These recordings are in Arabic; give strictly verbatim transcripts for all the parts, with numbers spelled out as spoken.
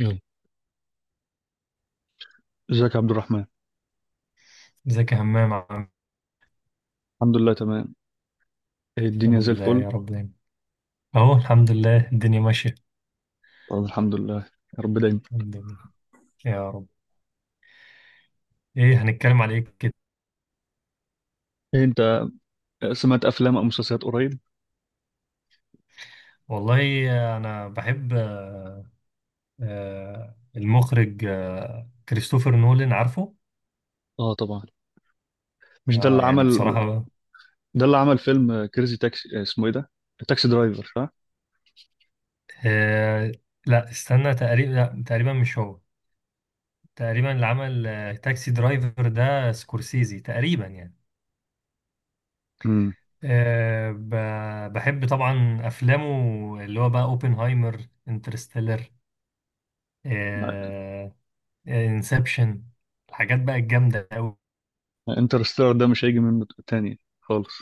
يلا، ازيك يا عبد الرحمن؟ ازيك يا همام؟ عم، الحمد لله تمام. إيه الدنيا الحمد زي لله الفل؟ يا رب دايما. اهو الحمد لله الدنيا ماشية. طب الحمد لله، يا رب دايما. الحمد لله، يا رب. ايه هنتكلم على ايه كده؟ إيه، انت سمعت افلام او مسلسلات قريب؟ والله انا بحب، آه، آه، المخرج آه، كريستوفر نولان، عارفه؟ اه طبعا، مش ده اه، اللي يعني عمل؟ بصراحة. ده اللي عمل فيلم كريزي تاكسي، آه، اسمه ايه ده؟ تاكسي درايفر، صح؟ آه، لا، استنى، تقريبا لا، تقريبا مش هو. تقريبا اللي عمل آه، تاكسي درايفر ده سكورسيزي تقريبا، يعني. امم. آه، ب- بحب طبعا افلامه، اللي هو بقى اوبنهايمر، انترستيلر، آه، انسبشن، الحاجات بقى الجامدة أوي. انترستيلر ده مش هيجي منه تاني خالص.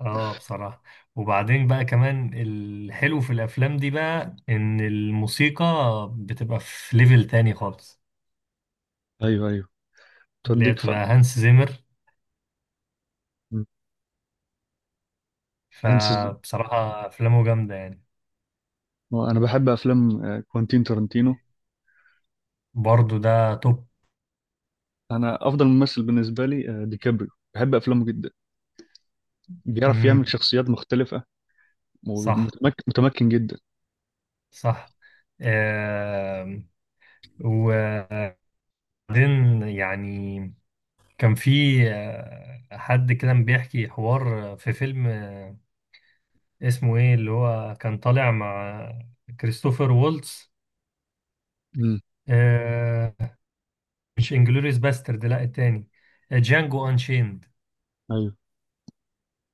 اه، بصراحة. وبعدين بقى كمان الحلو في الأفلام دي بقى إن الموسيقى بتبقى في ليفل تاني خالص، ايوه، ايوه، اللي هي توديك ف بتبقى هانس زيمر. مم. هنس ز- فبصراحة أفلامه جامدة يعني. آه، انا بحب افلام آه، كوانتين تارانتينو. برضو ده توب. انا افضل ممثل بالنسبه لي آه، ديكابريو. بحب افلامه جدا. بيعرف مم. يعمل شخصيات مختلفه، صح، ومتمكن متمكن جدا. صح. آم، وبعدين يعني كان في آه، حد كده بيحكي حوار في فيلم، آه، اسمه ايه، اللي هو كان طالع مع كريستوفر وولتز. آه مش انجلوريس باسترد، لا التاني. آه، جانجو انشيند. امم.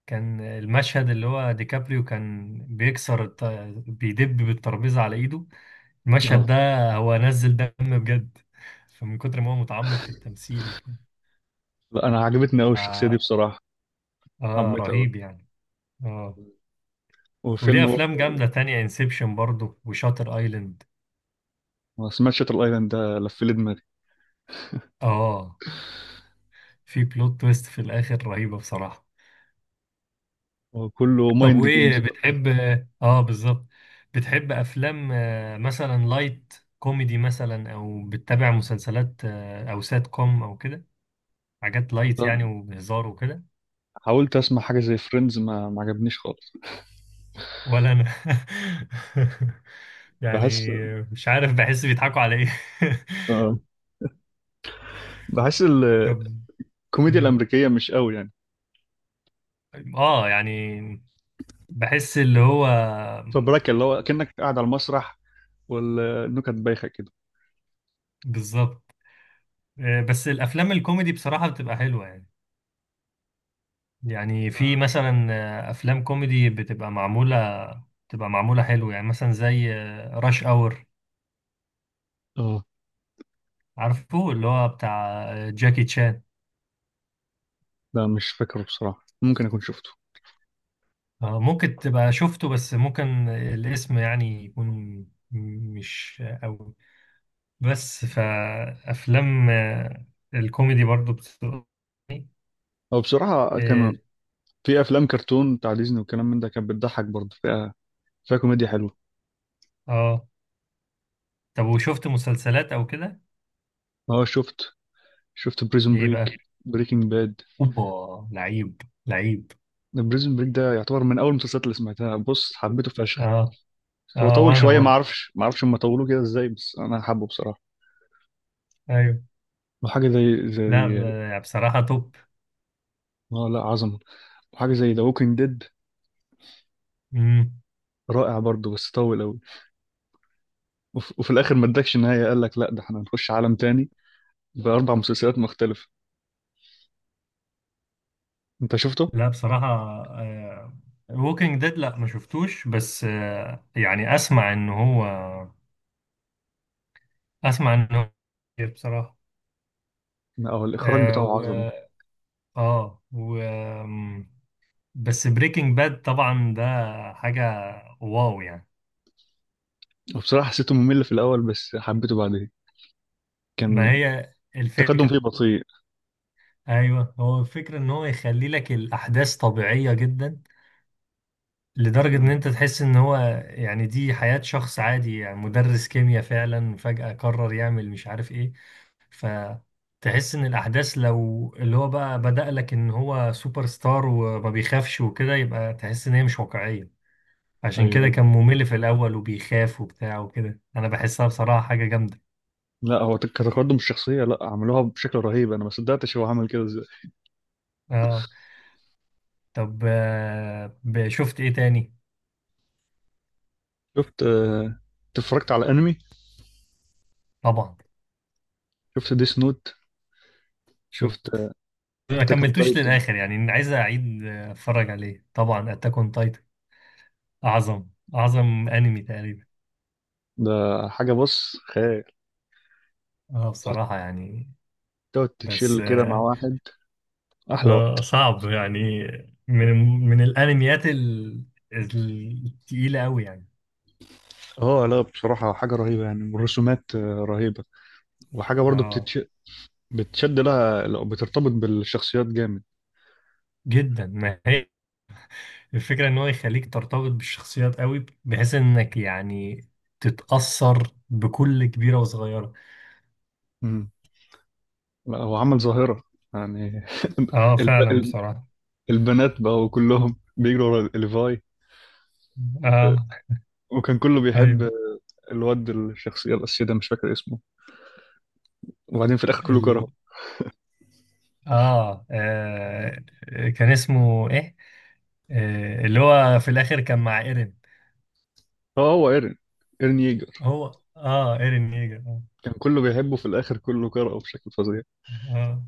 كان المشهد اللي هو ديكابريو كان بيكسر الت... بيدب بالترابيزة على ايده، المشهد اه. ده. هو نزل دم بجد، فمن كتر ما هو متعمق في التمثيل وكده. لا، انا عجبتني قوي ف الشخصيه دي بصراحه. اه، حبيتها قوي. رهيب يعني. اه، والفيلم وليه برضه، افلام جامدة تانية، انسبشن برضه وشاتر ايلاند. ما سمعت شاتر ايلاند ده لف لي دماغي. اه، في بلوت تويست في الاخر رهيبة بصراحة. هو كله طب، مايند جيمز وايه ده. بتحب اه آه، بالظبط؟ بتحب افلام آه، مثلا لايت كوميدي مثلا، او بتتابع مسلسلات آه، او سات كوم او كده، حاجات لايت يعني وبهزار وكده؟ حاولت اسمع حاجه زي فريندز ما ما عجبنيش خالص. ولا انا. يعني بحس. مش عارف، بحس بيضحكوا على ايه. آه. بحس ال- طب. الكوميديا مم. الامريكيه مش قوي يعني. اه، يعني بحس اللي هو. فبراك اللي هو كانك قاعد على المسرح والنكت بايخه كده. بالظبط. آه، بس الافلام الكوميدي بصراحة بتبقى حلوة يعني. يعني في مثلا آه، افلام كوميدي بتبقى معموله بتبقى معموله حلو يعني، مثلا زي راش اور، اه. عارفه؟ اللي هو بتاع آه، جاكي تشان. لا مش فاكره بصراحه، ممكن اكون شفته. آه، ممكن تبقى شفته، بس ممكن الاسم يعني يكون م- مش قوي. بس فافلام آه، الكوميدي برضو بتبقى. هو بصراحه اه كان في افلام كرتون بتاع ديزني وكلام من ده، كانت بتضحك برضه فيها، فيها كوميديا حلوه. آه. طب، وشفت مسلسلات او كده؟ اه، شفت شفت بريزون ايه بريك، بقى؟ بريكنج باد. اوبا، لعيب، لعيب. بريزون بريك ده يعتبر من اول المسلسلات اللي سمعتها، بص حبيته فشخ. اه، هو اه، طول وانا شويه، ما آه. برضو. اعرفش ما اعرفش هم طولوه كده ازاي، بس انا حابه بصراحه. ايوه، وحاجه زي لا، زي ب- بصراحة توب. اه، لا عظمه. وحاجه زي ذا ووكينج ديد، مم. رائع برضه بس طول قوي. وف... وفي الاخر ما ادكش نهايه، قال لك لا ده احنا هنخش عالم تاني باربع مسلسلات مختلفه. انت شفته؟ لا، بصراحة، ووكينج ديد لا ما شفتوش، بس آه، يعني اسمع ان هو اسمع ان هو خطير بصراحة. لا هو الاخراج آه بتاعه عظمه. و اه و آم، بس بريكنج باد طبعا ده، حاجة، واو يعني. وبصراحه حسيته ممل في الاول بس حبيته بعدين. ما كان هي التقدم الفكرة. فيه بطيء. ايوه، هو الفكرة ان هو يخلي لك الاحداث طبيعية جدا، لدرجة إن مم. أنت تحس إن هو، يعني، دي حياة شخص عادي، يعني مدرس كيمياء فعلا فجأة قرر يعمل مش عارف إيه. فتحس إن الأحداث، لو اللي هو بقى بدأ لك إن هو سوبر ستار وما بيخافش وكده، يبقى تحس إن هي مش واقعية. عشان ايوه كده أيوه. كان ممل في الأول، وبيخاف وبتاع وكده، أنا بحسها بصراحة حاجة جامدة. لا هو كتقدم الشخصية، لا عملوها بشكل رهيب، انا ما صدقتش هو عمل كده ازاي. آه طب، آه، ب- شفت إيه تاني؟ شفت آه، أنت اتفرجت على انمي؟ طبعا. شفت ديس نوت؟ شفت؟ شفت. ما اتاك اون كملتوش تايتن؟ للآخر يعني، عايز أعيد آه، أتفرج عليه طبعا. أتاك أون، أعظم، أعظم أنمي تقريبا. ده حاجة بص، خيال. اه، تقعد بصراحة يعني. تقعد بس تتشيل كده مع آه واحد احلى آه، وقت. صعب يعني. من من الأنميات ال- التقيلة أوي يعني. اه لا بصراحة حاجة رهيبة يعني، والرسومات آه، رهيبة. وحاجة برضه اه، بتتش... بتشد لها لو بترتبط بالشخصيات جامد. جدا. ما هي الفكرة إن هو يخليك ترتبط بالشخصيات أوي، بحيث إنك يعني تتأثر بكل كبيرة وصغيرة. امم. لا هو عمل ظاهرة. يعني اه، الب... فعلا الب... بصراحة. البنات بقوا كلهم بيجروا ورا ليفاي، اه، وكان كله ايوه. بيحب الواد الشخصية الأساسية ده، مش فاكر اسمه. وبعدين في الآخر كله ال... كرهه. آه. اه كان اسمه ايه؟ آه. اللي هو في الاخر كان مع ايرين. اه هو ايرين ايرين ييجر. هو، اه ايرين ييجر، اه. كان كله بيحبه، في الآخر كله كرهه بشكل فظيع. اه،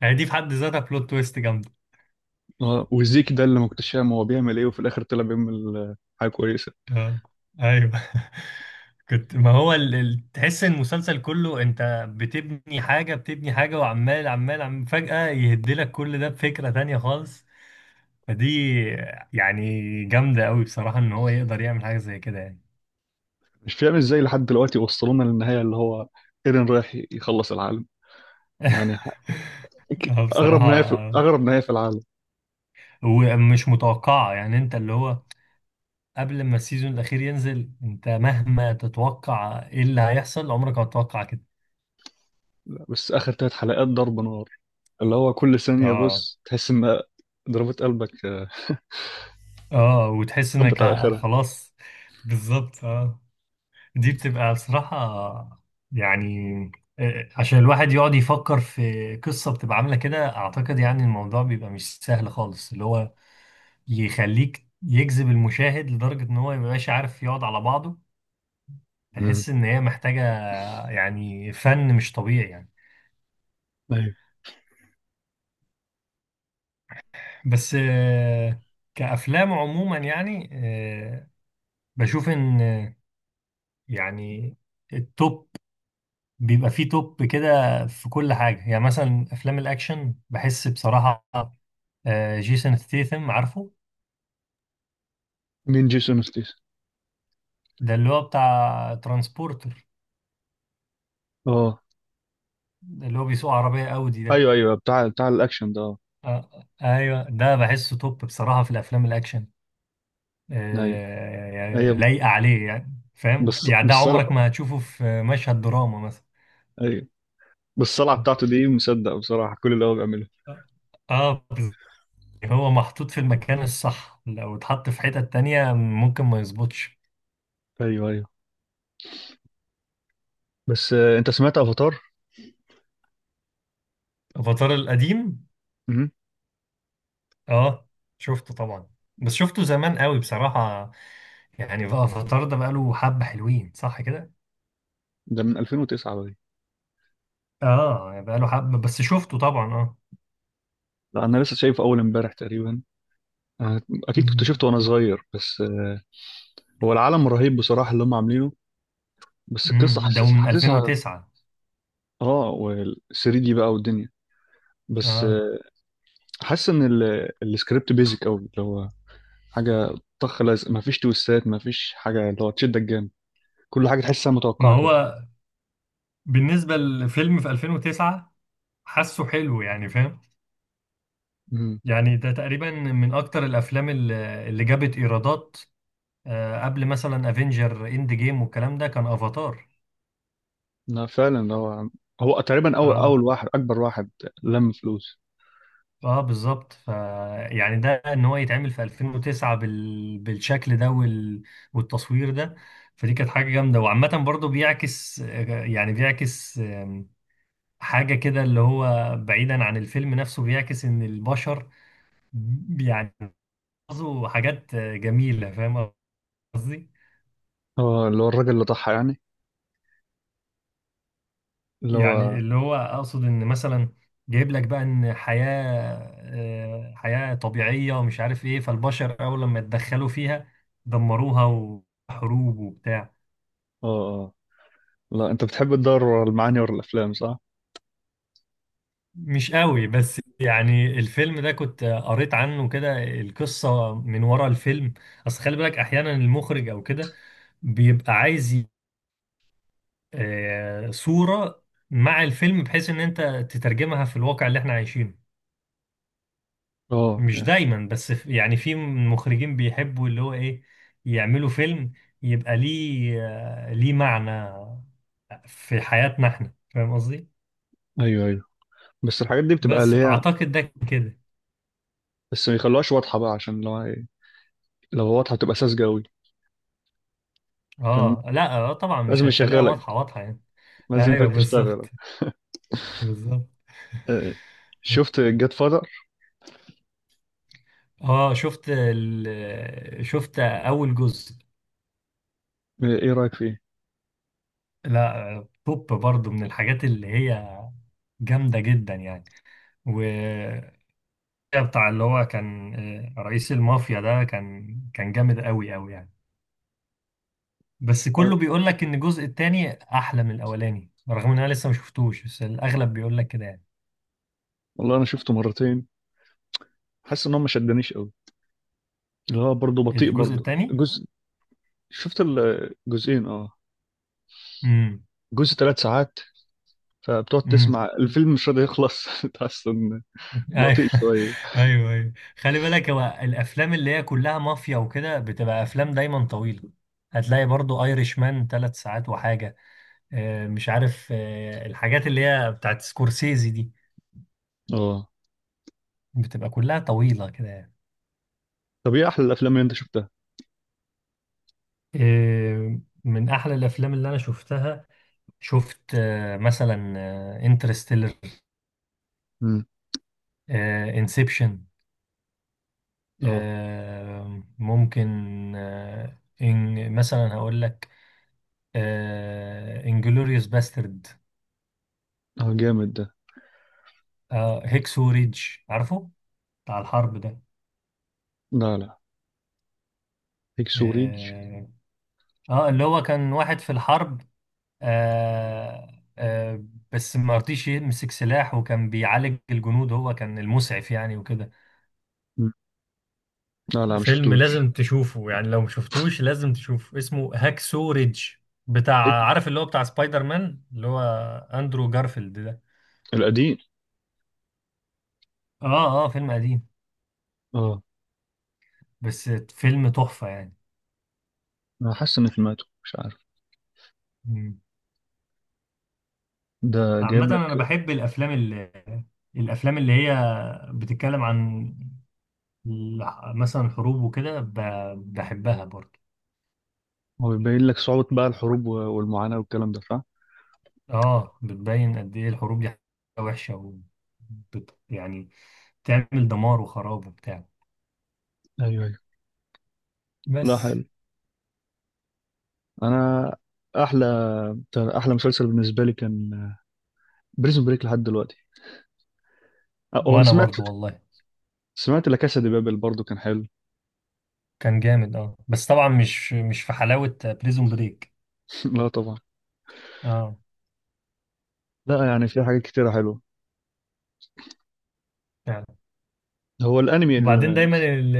يعني دي في حد ذاتها بلوت تويست جامده. اه، وزيك ده اللي ما كنتش فاهم هو بيعمل ايه، وفي الآخر طلع بيعمل حاجة كويسة. اه، ايوه. كنت، ما هو ال... ال... تحس ان المسلسل كله انت بتبني حاجه، بتبني حاجه، وعمال عمال عم فجاه يهدلك كل ده بفكره تانية خالص. فدي يعني جامده قوي بصراحه، ان هو يقدر يعمل حاجه زي كده يعني. مش فاهم ازاي لحد دلوقتي وصلونا للنهاية، اللي هو ايرين رايح يخلص العالم. يعني اه، أغرب بصراحه. نهاية في آه. أغرب نهاية في العالم. ومش متوقعه يعني، انت اللي هو، قبل ما السيزون الأخير ينزل، أنت مهما تتوقع إيه اللي هيحصل، عمرك ما هتتوقع كده. بس آخر ثلاث حلقات ضرب نار، اللي هو كل ثانية آه بص تحس إن ضربات قلبك آه، آه وتحس خبط إنك على ه- آخرها. خلاص. بالظبط. آه دي بتبقى بصراحة يعني، آه، عشان الواحد يقعد يفكر في قصة بتبقى عاملة كده، أعتقد يعني الموضوع بيبقى مش سهل خالص، اللي هو يخليك يجذب المشاهد لدرجة إن هو ميبقاش عارف يقعد على بعضه. مم. تحس إن هي محتاجة يعني فن مش طبيعي يعني. أيوة. بس آه، كأفلام عموما يعني، آه، بشوف إن، آه، يعني التوب، بيبقى فيه توب كده في كل حاجة، يعني مثلا أفلام الأكشن بحس بصراحة آه، جيسون ستيثم، عارفه؟ مين جيسون ستيس؟ ده اللي هو بتاع ترانسبورتر، اه ده اللي هو بيسوق عربية أودي ده. ايوه ايوه، بتاع بتاع الاكشن ده، اه. آه، أيوه، ده بحسه توب بصراحة في الأفلام الأكشن. ايوه آه، يعني ايوه لايقة عليه يعني، فاهم؟ بس يعني ده بالصلع. عمرك ما هتشوفه في مشهد دراما مثلا. ايوه، بالصلع اه. بتاعته دي مصدق بصراحه كل اللي هو بيعمله. آه، يعني هو محطوط في المكان الصح، لو اتحط في حتة تانية ممكن ما يظبطش. ايوه ايوه، بس آه، انت سمعت افاتار؟ افاتار القديم؟ مهم. اه، شفته طبعا، بس شفته زمان قوي بصراحة، يعني بقى افاتار ده بقاله حبة، حلوين صح كده؟ ده من ألفين وتسعة بقى. اه، يعني بقاله حبة، بس شفته طبعا، اه. لا انا لسه شايفه اول امبارح تقريبا. آه، اكيد كنت مم. شفته وانا صغير، بس آه، هو العالم رهيب بصراحه اللي هم عاملينه، بس القصه مم. ده حاسس من حاسسها ألفين وتسعة. اه، وال ثري دي بقى والدنيا، بس اه. آه، حاسس ان ال- السكريبت بيزك قوي، اللي هو حاجه طخ لازق، مفيش تويستات، مفيش حاجه اللي هو تشدك جامد. كل حاجه تحسها ما متوقعه كده. هو بالنسبة للفيلم في ألفين وتسعة حاسه حلو يعني، فاهم؟ امم. يعني ده تقريبا من اكتر الافلام اللي اللي جابت ايرادات، آه، قبل مثلا افنجر اند جيم والكلام ده كان افاتار. لا فعلا، هو هو تقريبا اول اول اه، واحد، اكبر واحد لم فلوس. اه بالظبط. ف يعني ده، ان هو يتعمل في ألفين وتسعة بال... بالشكل ده وال... والتصوير ده. فدي كانت حاجه جامده. وعامه برضو بيعكس، آه، يعني بيعكس، آم، حاجه كده اللي هو بعيدا عن الفيلم نفسه، بيعكس ان البشر يعني بيعملوا حاجات آه، جميله، فاهم قصدي؟ اه، اللي هو الراجل اللي ضحى يعني، اللي يعني هو. اللي هو اقصد ان مثلا جايب لك بقى ان حياة آه، حياة طبيعية ومش عارف ايه، فالبشر اول لما اتدخلوا فيها دمروها، وحروب وبتاع. اه اه، لا انت بتحب تدور ورا المعاني ورا الافلام، صح؟ مش قوي، بس يعني الفيلم ده كنت قريت عنه كده، القصة من ورا الفيلم. اصل خلي بالك احيانا المخرج او كده بيبقى عايز ي- آه، صورة مع الفيلم، بحيث ان انت تترجمها في الواقع اللي احنا عايشينه. اه مش دايما، بس ف- يعني في مخرجين بيحبوا اللي هو ايه، يعملوا فيلم يبقى ليه آه، ليه معنى في حياتنا احنا، فاهم قصدي؟ ايوه ايوه، بس الحاجات دي بتبقى اللي بس هي، اعتقد ده كده. بس ما يخلوهاش واضحه بقى، عشان لو هي- لو واضحه بتبقى ساذجه قوي. عشان اه، لا، آه، طبعا مش لازم هيخليها يشغلك، واضحة واضحة يعني. لازم ايوه، يخليك بالظبط، تشتغل. بالظبط. آه. شفت جاد فاذر؟ اه، شفت ال... شفت اول جزء. ايه رايك فيه؟ لا، آه، توب برضو من الحاجات اللي هي جامدة جدا يعني. بتاع اللي هو كان آه، رئيس المافيا ده، كان كان جامد قوي قوي يعني. بس آه، كله بيقول لك ان الجزء التاني احلى من الاولاني، رغم ان انا لسه ما شفتوش، بس الاغلب بيقول لك كده يعني. والله انا شفته مرتين، حاسس ان هو ما شدنيش قوي، اللي هو برضه بطيء الجزء برضه، التاني. جزء. شفت الجزئين، اه. امم. جزء ثلاث ساعات، فبتقعد تسمع امم. الفيلم مش راضي يخلص تحس ان ايوه. بطيء شويه. ايوه، ايوه. خلي بالك هو الافلام اللي هي كلها مافيا وكده بتبقى افلام دايما طويله. هتلاقي برضو ايرش مان ثلاث ساعات وحاجه، آه، مش عارف، آه، الحاجات اللي هي بتاعت سكورسيزي دي اه. بتبقى كلها طويله كده يعني. طب ايه احلى الافلام اللي انت شفتها؟ إيه، من احلى الافلام اللي انا شفتها، شفت آه، مثلا انترستيلر، امم. انسبشن، اه. ممكن آه، إن مثلا هقول لك انجلوريوس باسترد، اه جامد ده. هيكسو ريدج، عارفه؟ بتاع الحرب ده. لا، لا، هيكس وريدج. اه. آه، اللي هو كان واحد في الحرب، آه آه بس ما رضيش يمسك سلاح، وكان بيعالج الجنود، هو كان المسعف يعني وكده. مم. لا، لا، ما فيلم شفتوش. لازم تشوفه يعني، لو مشفتوش لازم تشوفه، اسمه هاكسو ريدج. هيك بتاع، عارف اللي هو بتاع سبايدر مان، اللي هو اندرو جارفيلد ده. القديم. اه. اه، فيلم قديم، اه. بس فيلم تحفة يعني. انا حاسس ان سمعته، مش عارف. مم. ده عامة جايب لك. انا بحب الافلام، اللي الافلام اللي هي بتتكلم عن الح- مثلا حروب وكده، ب- بحبها برضه. هو بيبين لك صعوبة بقى الحروب و- والمعاناة والكلام ده، صح؟ اه، بتبين قد ايه الحروب دي حاجة وحشة، و بت- يعني تعمل دمار وخراب وبتاع. ايوه ايوه. لا بس. حلو. انا، احلى احلى مسلسل بالنسبة لي كان بريزون بريك لحد دلوقتي. آه، هو انا وانا سمعت برضو والله. سمعت لا كاسا دي بابل برضو، كان حلو. كان جامد، اه، بس طبعا مش مش في حلاوة بريزون بريك. لا طبعا. اه، لا يعني في حاجات كتيرة حلوة. فعلا. هو الانمي وبعدين اللي دايما، ال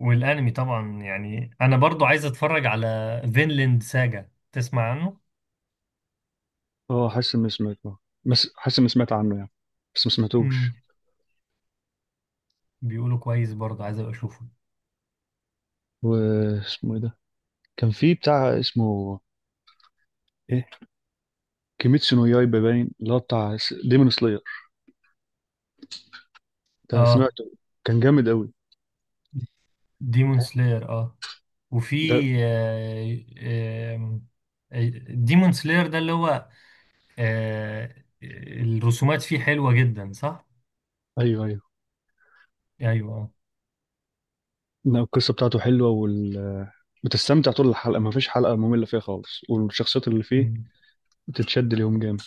والانمي طبعا يعني، انا برضو عايز اتفرج على فينلاند ساجا، تسمع عنه؟ اه، حاسس اني سمعته، بس حاسس اني سمعت عنه يعني، بس ما سمعتوش. امم. بيقولوا كويس برضو، عايز ابقى اشوفه. واسمه ايه ده؟ كان في بتاع اسمه ايه، كيميتسو نو يايبا، باين اللي هو بتاع ديمون سلاير. ده اه، سمعته، كان جامد قوي. ديمون سلاير، اه. وفي ده ديمون سلاير ده، اللي هو آه، الرسومات فيه حلوة جدا، صح؟ ايوه ايوه. ايوه، اه. لا، القصة بتاعته حلوة وال، بتستمتع طول الحلقة، ما فيش حلقة مملة فيها خالص، والشخصيات اللي فيه مم. بتتشد ليهم جامد.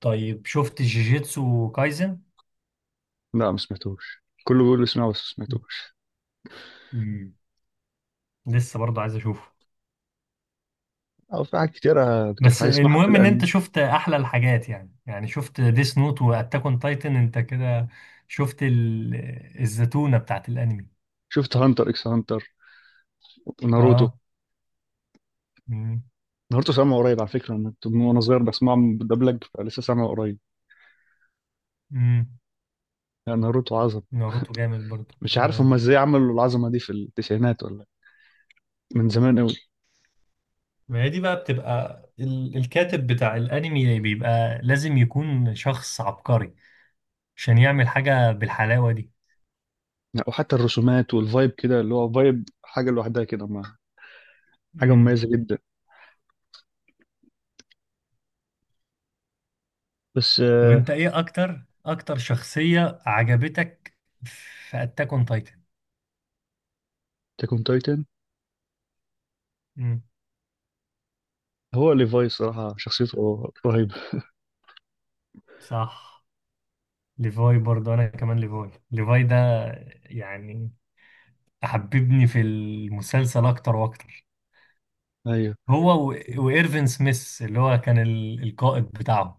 طيب، شفت جيجيتسو كايزن؟ لا ما سمعتوش، كله بيقول لي اسمعه بس ما سمعتوش. لسه برضه عايز اشوفه. أو في حاجات كتيرة كنت بس هسمعها في المهم ان انت الأنمي. شفت احلى الحاجات، يعني يعني شفت ديس نوت واتاك اون تايتن، انت كده شفت ال... الزتونة بتاعت الانمي. شفت هانتر إكس هانتر، ناروتو اه. امم. ناروتو سامعه قريب، على فكرة أنا كنت من وأنا صغير بسمعه مدبلج فلسه سامعه قريب. امم. يعني ناروتو عظمة. ناروتو جامد برضه، مش عارف هما اه. إزاي عملوا العظمة دي في التسعينات ولا، من زمان قوي. ما هي دي بقى بتبقى ال... الكاتب بتاع الانمي بيبقى لازم يكون شخص عبقري، عشان يعمل حاجة بالحلاوة دي. يعني وحتى الرسومات والفايب كده، اللي هو فايب حاجة لوحدها كده، ما حاجة امم. مميزة جدا. بس طب، آه... انت ايه اكتر اكتر شخصية عجبتك في اتاك اون تايتن؟ تاكون تايتن. امم. هو ليفاي صراحة شخصيته رهيبة. صح. ليفاي برضه، انا كمان ليفاي، ليفاي ده يعني حببني في المسلسل اكتر واكتر. أيوه. هو و... وايرفين سميث اللي هو كان ال... القائد بتاعهم.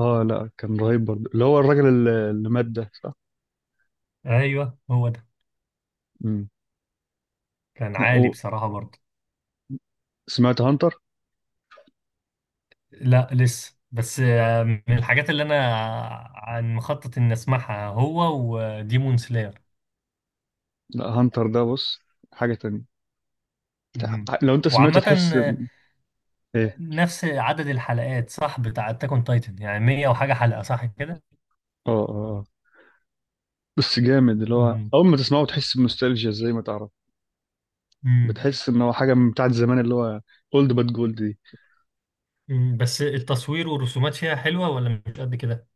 اه لا كان رهيب برضه، اللي هو الراجل اللي اللي مات ده، صح؟ ايوه، هو ده. امم. كان لا، عالي و- بصراحة برضه. سمعت هانتر. لا، لسه. بس آه، من الحاجات اللي انا عن مخطط اني اسمعها هو وديمون سلاير. لا هانتر ده بص، حاجة تانية. مم. تع- لو انت سمعته وعامة تحس آه، إن- ايه. نفس عدد الحلقات صح بتاع اتاك اون تايتن، يعني مئة وحاجة حلقة، صح كده؟ اه اه. آه. بس جامد، اللي هو مم. اول ما تسمعه تحس بنوستالجيا زي ما تعرف. مم. بتحس ان هو حاجة من بتاعت زمان، اللي هو اولد باد جولد دي. مم، بس التصوير والرسومات فيها حلوة ولا مش قد كده؟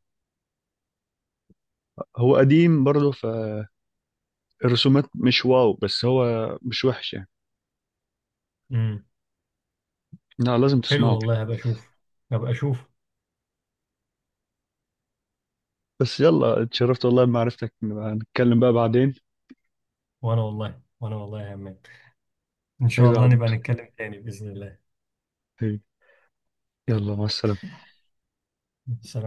هو قديم برضه، فالرسومات مش واو، بس هو مش وحش يعني. امم. لا لازم حلو تسمعه. والله، هبقى اشوف، هبقى اشوف. بس يلا، اتشرفت والله بمعرفتك، نبقى نتكلم بقى بعدين. وانا والله، وانا والله يا عماد. ان هي شاء الله بعد. نبقى نتكلم تاني بإذن الله. هي. يلا، مع السلامة. سلام.